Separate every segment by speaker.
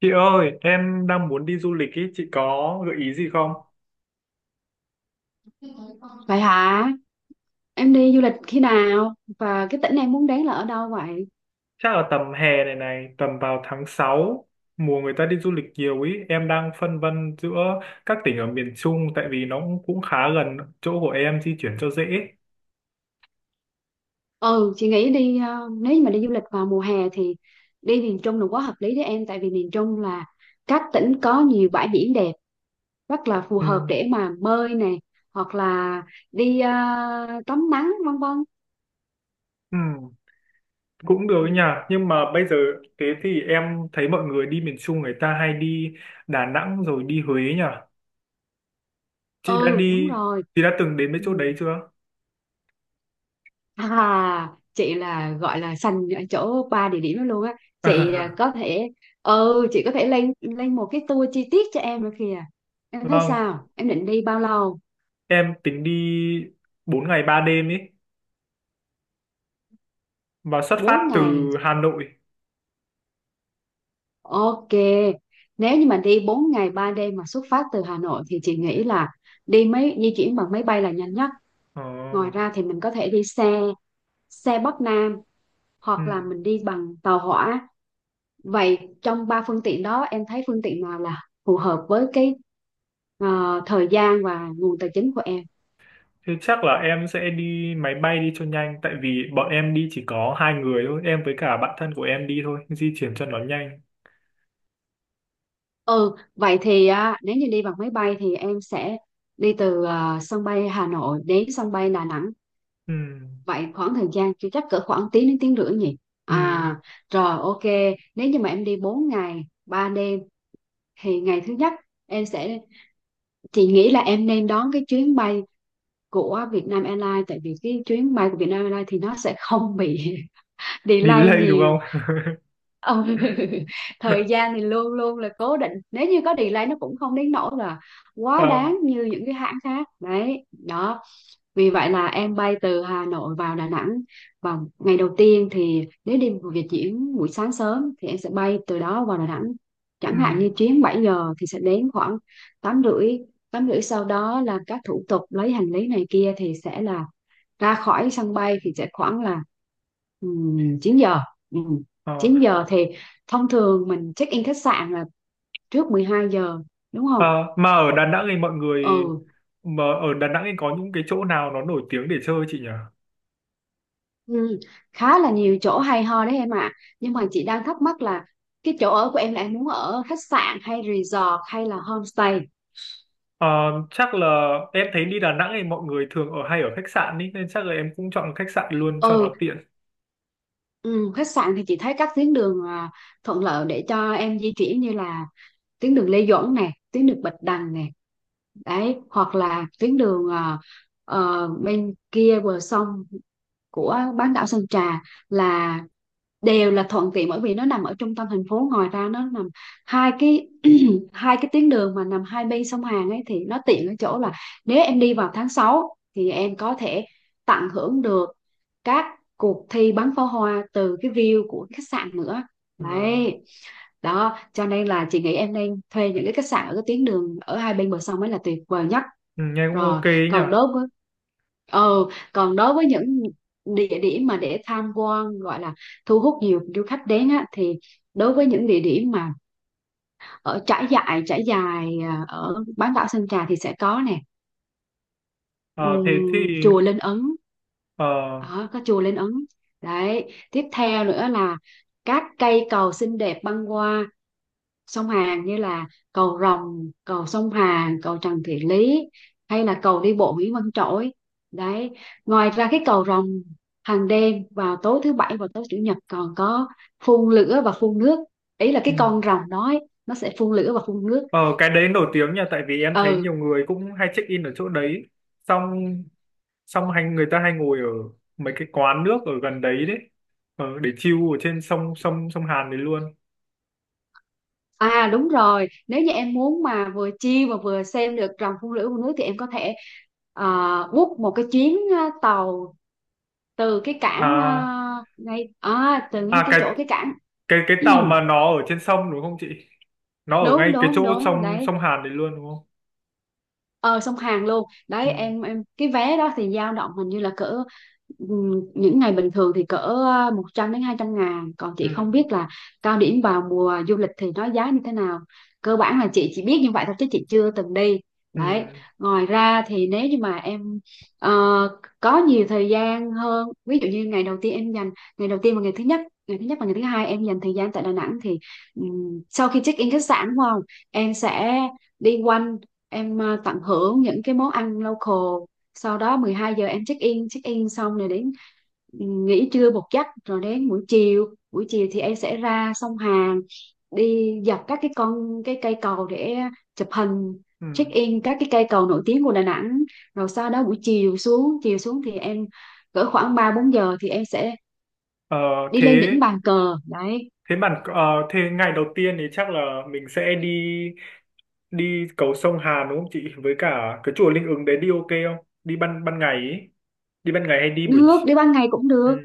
Speaker 1: Chị ơi, em đang muốn đi du lịch ý, chị có gợi ý gì không?
Speaker 2: Vậy hả? Em đi du lịch khi nào? Và cái tỉnh em muốn đến là ở đâu vậy?
Speaker 1: Chắc là tầm hè này này, tầm vào tháng 6 mùa người ta đi du lịch nhiều ý, em đang phân vân giữa các tỉnh ở miền Trung tại vì nó cũng khá gần chỗ của em di chuyển cho dễ.
Speaker 2: Ừ, chị nghĩ đi nếu như mà đi du lịch vào mùa hè thì đi miền Trung là quá hợp lý với em, tại vì miền Trung là các tỉnh có nhiều bãi biển đẹp, rất là phù
Speaker 1: Ừ,
Speaker 2: hợp để mà bơi nè, hoặc là đi tắm nắng vân vân.
Speaker 1: ừ, cũng được
Speaker 2: Ừ.
Speaker 1: nha, nhưng mà bây giờ thế thì em thấy mọi người đi miền Trung người ta hay đi Đà Nẵng rồi đi Huế nhỉ? Chị đã
Speaker 2: Ừ, đúng
Speaker 1: đi,
Speaker 2: rồi.
Speaker 1: chị đã từng đến mấy
Speaker 2: Ừ.
Speaker 1: chỗ đấy chưa?
Speaker 2: À, chị là gọi là sành ở chỗ ba địa điểm đó luôn á. Chị à, có thể chị có thể lên lên một cái tour chi tiết cho em nữa kìa. Em thấy
Speaker 1: Vâng,
Speaker 2: sao? Em định đi bao lâu?
Speaker 1: em tính đi 4 ngày 3 đêm ý. Và xuất
Speaker 2: bốn
Speaker 1: phát từ
Speaker 2: ngày.
Speaker 1: Hà Nội.
Speaker 2: Ok. Nếu như mà đi 4 ngày 3 đêm mà xuất phát từ Hà Nội thì chị nghĩ là đi máy di chuyển bằng máy bay là nhanh nhất.
Speaker 1: ờ,
Speaker 2: Ngoài ra thì mình có thể đi xe xe Bắc Nam hoặc là
Speaker 1: ừ.
Speaker 2: mình đi bằng tàu hỏa. Vậy trong ba phương tiện đó em thấy phương tiện nào là phù hợp với cái thời gian và nguồn tài chính của em?
Speaker 1: Thế chắc là em sẽ đi máy bay đi cho nhanh tại vì bọn em đi chỉ có hai người thôi, em với cả bạn thân của em đi thôi di chuyển cho nó nhanh.
Speaker 2: Ừ, vậy thì nếu như đi bằng máy bay thì em sẽ đi từ sân bay Hà Nội đến sân bay Đà Nẵng.
Speaker 1: Ừ.
Speaker 2: Vậy khoảng thời gian chưa chắc cỡ khoảng tiếng đến tiếng rưỡi nhỉ?
Speaker 1: Ừ.
Speaker 2: à rồi, ok. Nếu như mà em đi 4 ngày 3 đêm thì ngày thứ nhất em sẽ chị nghĩ là em nên đón cái chuyến bay của Vietnam Airlines, tại vì cái chuyến bay của Vietnam Airlines thì nó sẽ không bị delay
Speaker 1: Delay đúng
Speaker 2: nhiều.
Speaker 1: không?
Speaker 2: Ừ. Thời gian thì luôn luôn là cố định, nếu như có delay nó cũng không đến nỗi là quá
Speaker 1: Ờ,
Speaker 2: đáng như những cái hãng khác đấy đó. Vì vậy là em bay từ Hà Nội vào Đà Nẵng, và ngày đầu tiên thì nếu đi một Việt diễn buổi sáng sớm thì em sẽ bay từ đó vào Đà Nẵng. Chẳng hạn
Speaker 1: ừ,
Speaker 2: như chuyến 7 giờ thì sẽ đến khoảng 8 rưỡi, 8 rưỡi sau đó là các thủ tục lấy hành lý này kia thì sẽ là ra khỏi sân bay thì sẽ khoảng là 9 giờ. Ừm,
Speaker 1: ờ.
Speaker 2: 9 giờ thì thông thường mình check in khách sạn là trước 12 giờ đúng không?
Speaker 1: Ờ, mà ở Đà Nẵng thì mọi người
Speaker 2: Ừ.
Speaker 1: mà ở Đà Nẵng thì có những cái chỗ nào nó nổi tiếng để chơi chị nhỉ?
Speaker 2: Ừ, khá là nhiều chỗ hay ho đấy em ạ. Nhưng mà chị đang thắc mắc là cái chỗ ở của em là em muốn ở khách sạn hay resort hay là homestay?
Speaker 1: Ờ, chắc là em thấy đi Đà Nẵng thì mọi người thường ở hay ở khách sạn ý, nên chắc là em cũng chọn khách sạn luôn cho
Speaker 2: Ừ,
Speaker 1: nó tiện.
Speaker 2: ừ, khách sạn thì chị thấy các tuyến đường thuận lợi để cho em di chuyển như là tuyến đường Lê Duẩn nè, tuyến đường Bạch Đằng nè. Đấy, hoặc là tuyến đường bên kia bờ sông của bán đảo Sơn Trà, là đều là thuận tiện bởi vì nó nằm ở trung tâm thành phố. Ngoài ra nó nằm hai cái hai cái tuyến đường mà nằm hai bên sông Hàn ấy thì nó tiện ở chỗ là nếu em đi vào tháng 6 thì em có thể tận hưởng được các cuộc thi bắn pháo hoa từ cái view của khách sạn nữa
Speaker 1: Ờ.
Speaker 2: đấy. Đó cho nên là chị nghĩ em nên thuê những cái khách sạn ở cái tuyến đường ở hai bên bờ sông mới là tuyệt vời nhất.
Speaker 1: Ừ, nghe cũng ok
Speaker 2: Rồi,
Speaker 1: ấy nhỉ.
Speaker 2: còn đối với ờ những địa điểm mà để tham quan gọi là thu hút nhiều du khách đến á, thì đối với những địa điểm mà ở trải dài ở bán đảo Sơn Trà thì sẽ có nè
Speaker 1: Ờ, thế thì
Speaker 2: chùa Linh Ứng.
Speaker 1: ờ,
Speaker 2: Đó, có chùa Linh Ứng đấy. Tiếp theo nữa là các cây cầu xinh đẹp băng qua sông Hàn như là cầu Rồng, cầu sông Hàn, cầu Trần Thị Lý hay là cầu đi bộ Nguyễn Văn Trỗi. Đấy, ngoài ra cái cầu Rồng hàng đêm vào tối thứ bảy và tối chủ nhật còn có phun lửa và phun nước. Ý là
Speaker 1: ừ,
Speaker 2: cái con rồng đó ấy, nó sẽ phun lửa và phun nước.
Speaker 1: ờ, cái đấy nổi tiếng nhỉ tại vì em thấy
Speaker 2: Ừ.
Speaker 1: nhiều người cũng hay check in ở chỗ đấy, xong xong hay người ta hay ngồi ở mấy cái quán nước ở gần đấy đấy, để chill ở trên sông sông sông Hàn đấy luôn.
Speaker 2: À đúng rồi, nếu như em muốn mà vừa chill mà vừa xem được rồng phun lưỡi của nước thì em có thể book một cái chuyến tàu từ cái cảng
Speaker 1: à
Speaker 2: từ ngay
Speaker 1: à
Speaker 2: cái
Speaker 1: cái
Speaker 2: chỗ cái cảng.
Speaker 1: cái tàu mà nó ở trên sông đúng không chị? Nó ở
Speaker 2: Đúng
Speaker 1: ngay cái chỗ
Speaker 2: đúng đúng
Speaker 1: sông
Speaker 2: đấy,
Speaker 1: sông Hàn đấy luôn đúng không?
Speaker 2: ờ sông Hàn luôn
Speaker 1: Ừ,
Speaker 2: đấy em cái vé đó thì dao động hình như là cỡ những ngày bình thường thì cỡ 100 đến 200 ngàn, còn
Speaker 1: ừ,
Speaker 2: chị không biết là cao điểm vào mùa du lịch thì nó giá như thế nào. Cơ bản là chị chỉ biết như vậy thôi chứ chị chưa từng đi đấy.
Speaker 1: ừ,
Speaker 2: Ngoài ra thì nếu như mà em ờ, có nhiều thời gian hơn, ví dụ như ngày đầu tiên em dành ngày đầu tiên và ngày thứ nhất và ngày thứ hai em dành thời gian tại Đà Nẵng thì sau khi check in khách sạn đúng không, em sẽ đi quanh, tận hưởng những cái món ăn local. Sau đó 12 giờ em check in xong rồi đến nghỉ trưa một giấc rồi đến buổi chiều, buổi chiều thì em sẽ ra sông Hàn, đi dọc các cái con cái cây cầu để chụp hình,
Speaker 1: ừ.
Speaker 2: check in các cái cây cầu nổi tiếng của Đà Nẵng. Rồi sau đó buổi chiều xuống, chiều xuống thì em cỡ khoảng 3 4 giờ thì em sẽ
Speaker 1: ờ,
Speaker 2: đi
Speaker 1: thế
Speaker 2: lên đỉnh bàn cờ đấy.
Speaker 1: Thế bạn ờ, Thế ngày đầu tiên thì chắc là mình sẽ đi đi cầu sông Hàn đúng không chị? Với cả cái chùa Linh Ứng đấy đi ok không? Đi ban ban ngày ý. Đi ban ngày hay đi buổi
Speaker 2: Được,
Speaker 1: chi-.
Speaker 2: đi ban ngày cũng
Speaker 1: Ừ.
Speaker 2: được.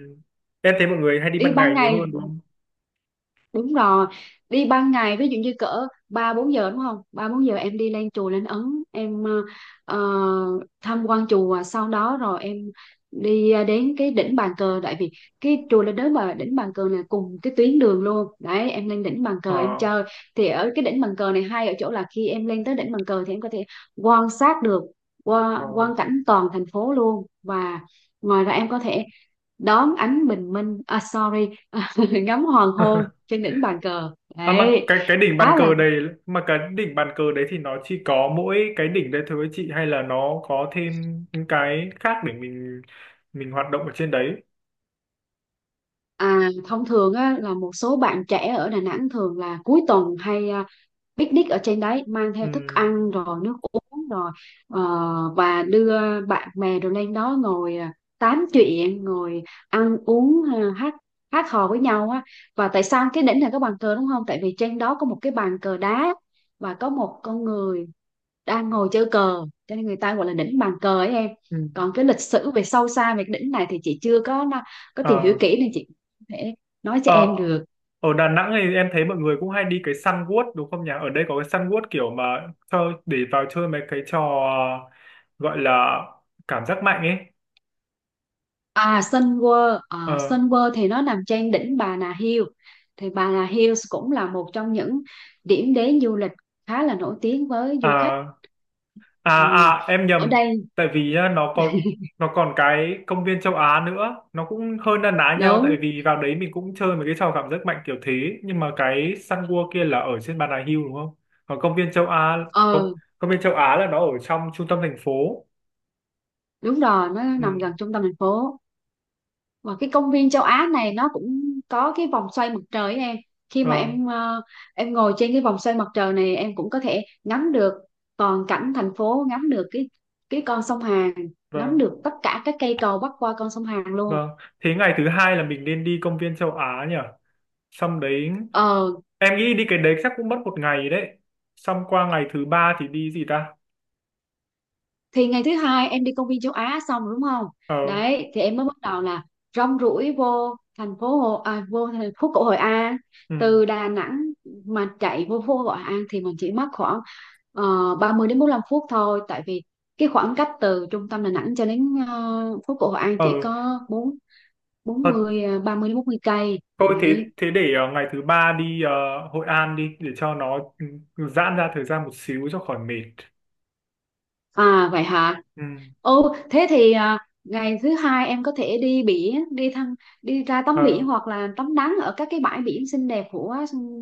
Speaker 1: Em thấy mọi người hay đi
Speaker 2: Đi
Speaker 1: ban
Speaker 2: ban
Speaker 1: ngày nhiều
Speaker 2: ngày,
Speaker 1: hơn đúng không?
Speaker 2: đúng rồi, đi ban ngày ví dụ như cỡ ba bốn giờ đúng không, ba bốn giờ em đi lên chùa lên Ấn em ờ, tham quan chùa, sau đó rồi em đi đến cái đỉnh bàn cờ, tại vì cái chùa lên đến mà đỉnh bàn cờ này cùng cái tuyến đường luôn đấy. Em lên đỉnh bàn cờ em
Speaker 1: Ờ,
Speaker 2: chơi thì ở cái đỉnh bàn cờ này hay ở chỗ là khi em lên tới đỉnh bàn cờ thì em có thể quan sát được
Speaker 1: ờ.
Speaker 2: qua quan cảnh toàn thành phố luôn. Và ngoài ra em có thể đón ánh bình minh, à sorry, ngắm hoàng hôn trên đỉnh bàn cờ
Speaker 1: À mà
Speaker 2: đấy.
Speaker 1: cái cái đỉnh bàn
Speaker 2: Khá là
Speaker 1: cờ đấy mà cái đỉnh bàn cờ đấy thì nó chỉ có mỗi cái đỉnh đấy thôi chị hay là nó có thêm những cái khác để mình hoạt động ở trên đấy?
Speaker 2: À, thông thường á, là một số bạn trẻ ở Đà Nẵng thường là cuối tuần hay picnic ở trên đấy, mang theo thức
Speaker 1: Ừ.
Speaker 2: ăn rồi nước uống rồi, ờ, và đưa bạn bè rồi lên đó ngồi tám chuyện, ngồi ăn uống, hát hát hò với nhau á. Và tại sao cái đỉnh này có bàn cờ đúng không, tại vì trên đó có một cái bàn cờ đá và có một con người đang ngồi chơi cờ, cho nên người ta gọi là đỉnh bàn cờ ấy em. Còn cái lịch sử về sâu xa về cái đỉnh này thì chị chưa có có
Speaker 1: Ừ.
Speaker 2: tìm hiểu kỹ nên chị không thể nói cho
Speaker 1: Ờ,
Speaker 2: em được.
Speaker 1: ở Đà Nẵng thì em thấy mọi người cũng hay đi cái Sun World đúng không nhỉ? Ở đây có cái Sun World kiểu mà cho để vào chơi mấy cái trò gọi là cảm giác mạnh ấy.
Speaker 2: Sun
Speaker 1: Ờ,
Speaker 2: World thì nó nằm trên đỉnh Bà Nà Hills, thì Bà Nà Hills cũng là một trong những điểm đến du lịch khá là nổi tiếng với du khách.
Speaker 1: à, à,
Speaker 2: Ừ.
Speaker 1: à, em
Speaker 2: Ở
Speaker 1: nhầm.
Speaker 2: đây
Speaker 1: Tại vì á, nó còn cái công viên châu Á nữa, nó cũng hơi na ná nhau
Speaker 2: đúng,
Speaker 1: tại vì vào đấy mình cũng chơi mấy cái trò cảm giác mạnh kiểu thế, nhưng mà cái Sun World kia là ở trên Bà Nà Hills đúng không? Còn công viên châu Á công,
Speaker 2: ờ
Speaker 1: công viên châu Á là nó ở trong trung tâm thành phố.
Speaker 2: đúng rồi, nó
Speaker 1: Ừ,
Speaker 2: nằm gần trung tâm thành phố. Và cái công viên châu Á này nó cũng có cái vòng xoay mặt trời ấy em. Khi mà
Speaker 1: vâng.
Speaker 2: em ngồi trên cái vòng xoay mặt trời này em cũng có thể ngắm được toàn cảnh thành phố, ngắm được cái con sông Hàn, ngắm
Speaker 1: Vâng.
Speaker 2: được tất cả các cây cầu bắc qua con sông Hàn luôn.
Speaker 1: Vâng, thế ngày thứ hai là mình nên đi công viên châu Á nhỉ? Xong đấy,
Speaker 2: Ờ,
Speaker 1: em nghĩ đi cái đấy chắc cũng mất một ngày đấy. Xong qua ngày thứ ba thì đi gì ta?
Speaker 2: thì ngày thứ hai em đi công viên châu Á xong rồi đúng không,
Speaker 1: Ờ,
Speaker 2: đấy thì em mới bắt đầu là rong ruổi vô thành phố Hồ à, vô thành phố cổ Hội An.
Speaker 1: ừ.
Speaker 2: Từ Đà Nẵng mà chạy vô phố Hội An thì mình chỉ mất khoảng ba mươi đến 45 phút thôi, tại vì cái khoảng cách từ trung tâm Đà Nẵng cho đến phố cổ Hội An chỉ
Speaker 1: ờ,
Speaker 2: có bốn bốn
Speaker 1: ờ,
Speaker 2: mươi à, 30 đến 40 cây
Speaker 1: Thôi thế,
Speaker 2: đấy.
Speaker 1: để ngày thứ ba đi Hội An đi để cho nó giãn ra thời gian một xíu cho khỏi mệt.
Speaker 2: À vậy hả?
Speaker 1: Ừ,
Speaker 2: Ồ, thế thì ngày thứ hai em có thể đi biển, đi thăm, đi ra tắm biển
Speaker 1: ờ,
Speaker 2: hoặc là tắm nắng ở các cái bãi biển xinh đẹp của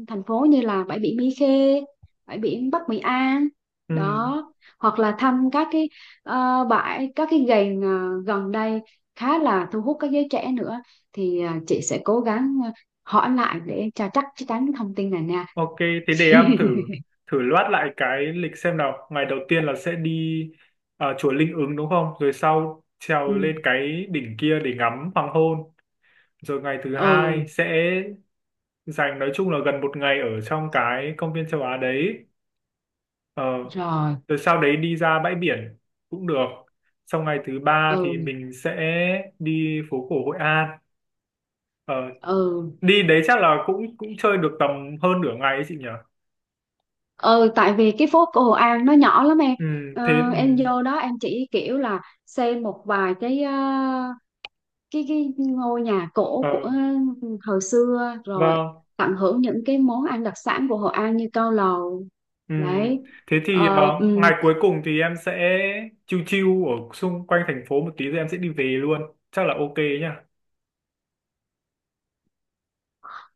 Speaker 2: thành phố như là bãi biển Mỹ Khê, bãi biển Bắc Mỹ An,
Speaker 1: ừ.
Speaker 2: đó, hoặc là thăm các cái các cái gành gần đây khá là thu hút các giới trẻ nữa. Thì chị sẽ cố gắng hỏi lại để cho chắc chắc chắn cái thông tin này nha.
Speaker 1: Ok, thế để em thử thử loát lại cái lịch xem nào. Ngày đầu tiên là sẽ đi chùa Linh Ứng đúng không? Rồi sau trèo
Speaker 2: Ừ,
Speaker 1: lên cái đỉnh kia để ngắm hoàng hôn. Rồi ngày thứ hai
Speaker 2: ừ,
Speaker 1: sẽ dành nói chung là gần một ngày ở trong cái công viên châu Á đấy. Ờ,
Speaker 2: rồi,
Speaker 1: rồi sau đấy đi ra bãi biển cũng được. Sau ngày thứ ba thì
Speaker 2: ừ,
Speaker 1: mình sẽ đi phố cổ Hội An. Ờ,
Speaker 2: ừ.
Speaker 1: đi đấy chắc là cũng cũng chơi được tầm hơn nửa ngày ấy chị nhỉ?
Speaker 2: Ừ, tại vì cái phố cổ Hội An nó nhỏ lắm em.
Speaker 1: Ừ, thế ừ.
Speaker 2: Em vô đó em chỉ kiểu là xem một vài cái ờ, cái ngôi nhà
Speaker 1: Ờ.
Speaker 2: cổ của thời xưa, rồi
Speaker 1: Vâng.
Speaker 2: tận hưởng những cái món ăn đặc sản của Hội An như cao lầu
Speaker 1: Ừm.
Speaker 2: đấy.
Speaker 1: Thế thì
Speaker 2: Ờ,
Speaker 1: ngày
Speaker 2: ừ.
Speaker 1: cuối cùng thì em sẽ chill chill ở xung quanh thành phố một tí rồi em sẽ đi về luôn. Chắc là ok nhá.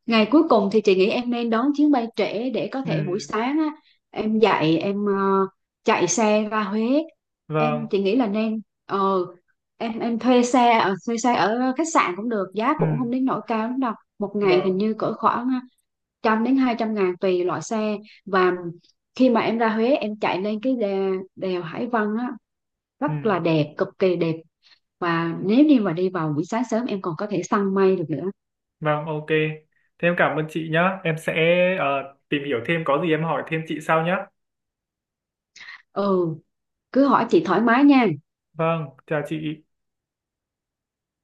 Speaker 2: Ngày cuối cùng thì chị nghĩ em nên đón chuyến bay trễ để có thể buổi
Speaker 1: Ừm.
Speaker 2: sáng á, em dậy, em chạy xe ra Huế.
Speaker 1: Vâng.
Speaker 2: Chị nghĩ là nên ờ, em thuê xe ở khách sạn cũng được, giá cũng
Speaker 1: Ừm.
Speaker 2: không đến nỗi cao lắm đâu. Một ngày hình
Speaker 1: Vâng.
Speaker 2: như cỡ khoảng 100 đến 200 ngàn tùy loại xe. Và khi mà em ra Huế em chạy lên cái đèo Hải Vân á rất là
Speaker 1: Ừm.
Speaker 2: đẹp, cực kỳ đẹp. Và nếu như mà đi vào buổi sáng sớm em còn có thể săn mây được nữa.
Speaker 1: Vâng, ok. Thế em cảm ơn chị nhá. Em sẽ ờ, tìm hiểu thêm có gì em hỏi thêm chị sau nhá.
Speaker 2: Ừ, cứ hỏi chị thoải mái nha.
Speaker 1: Vâng, chào chị.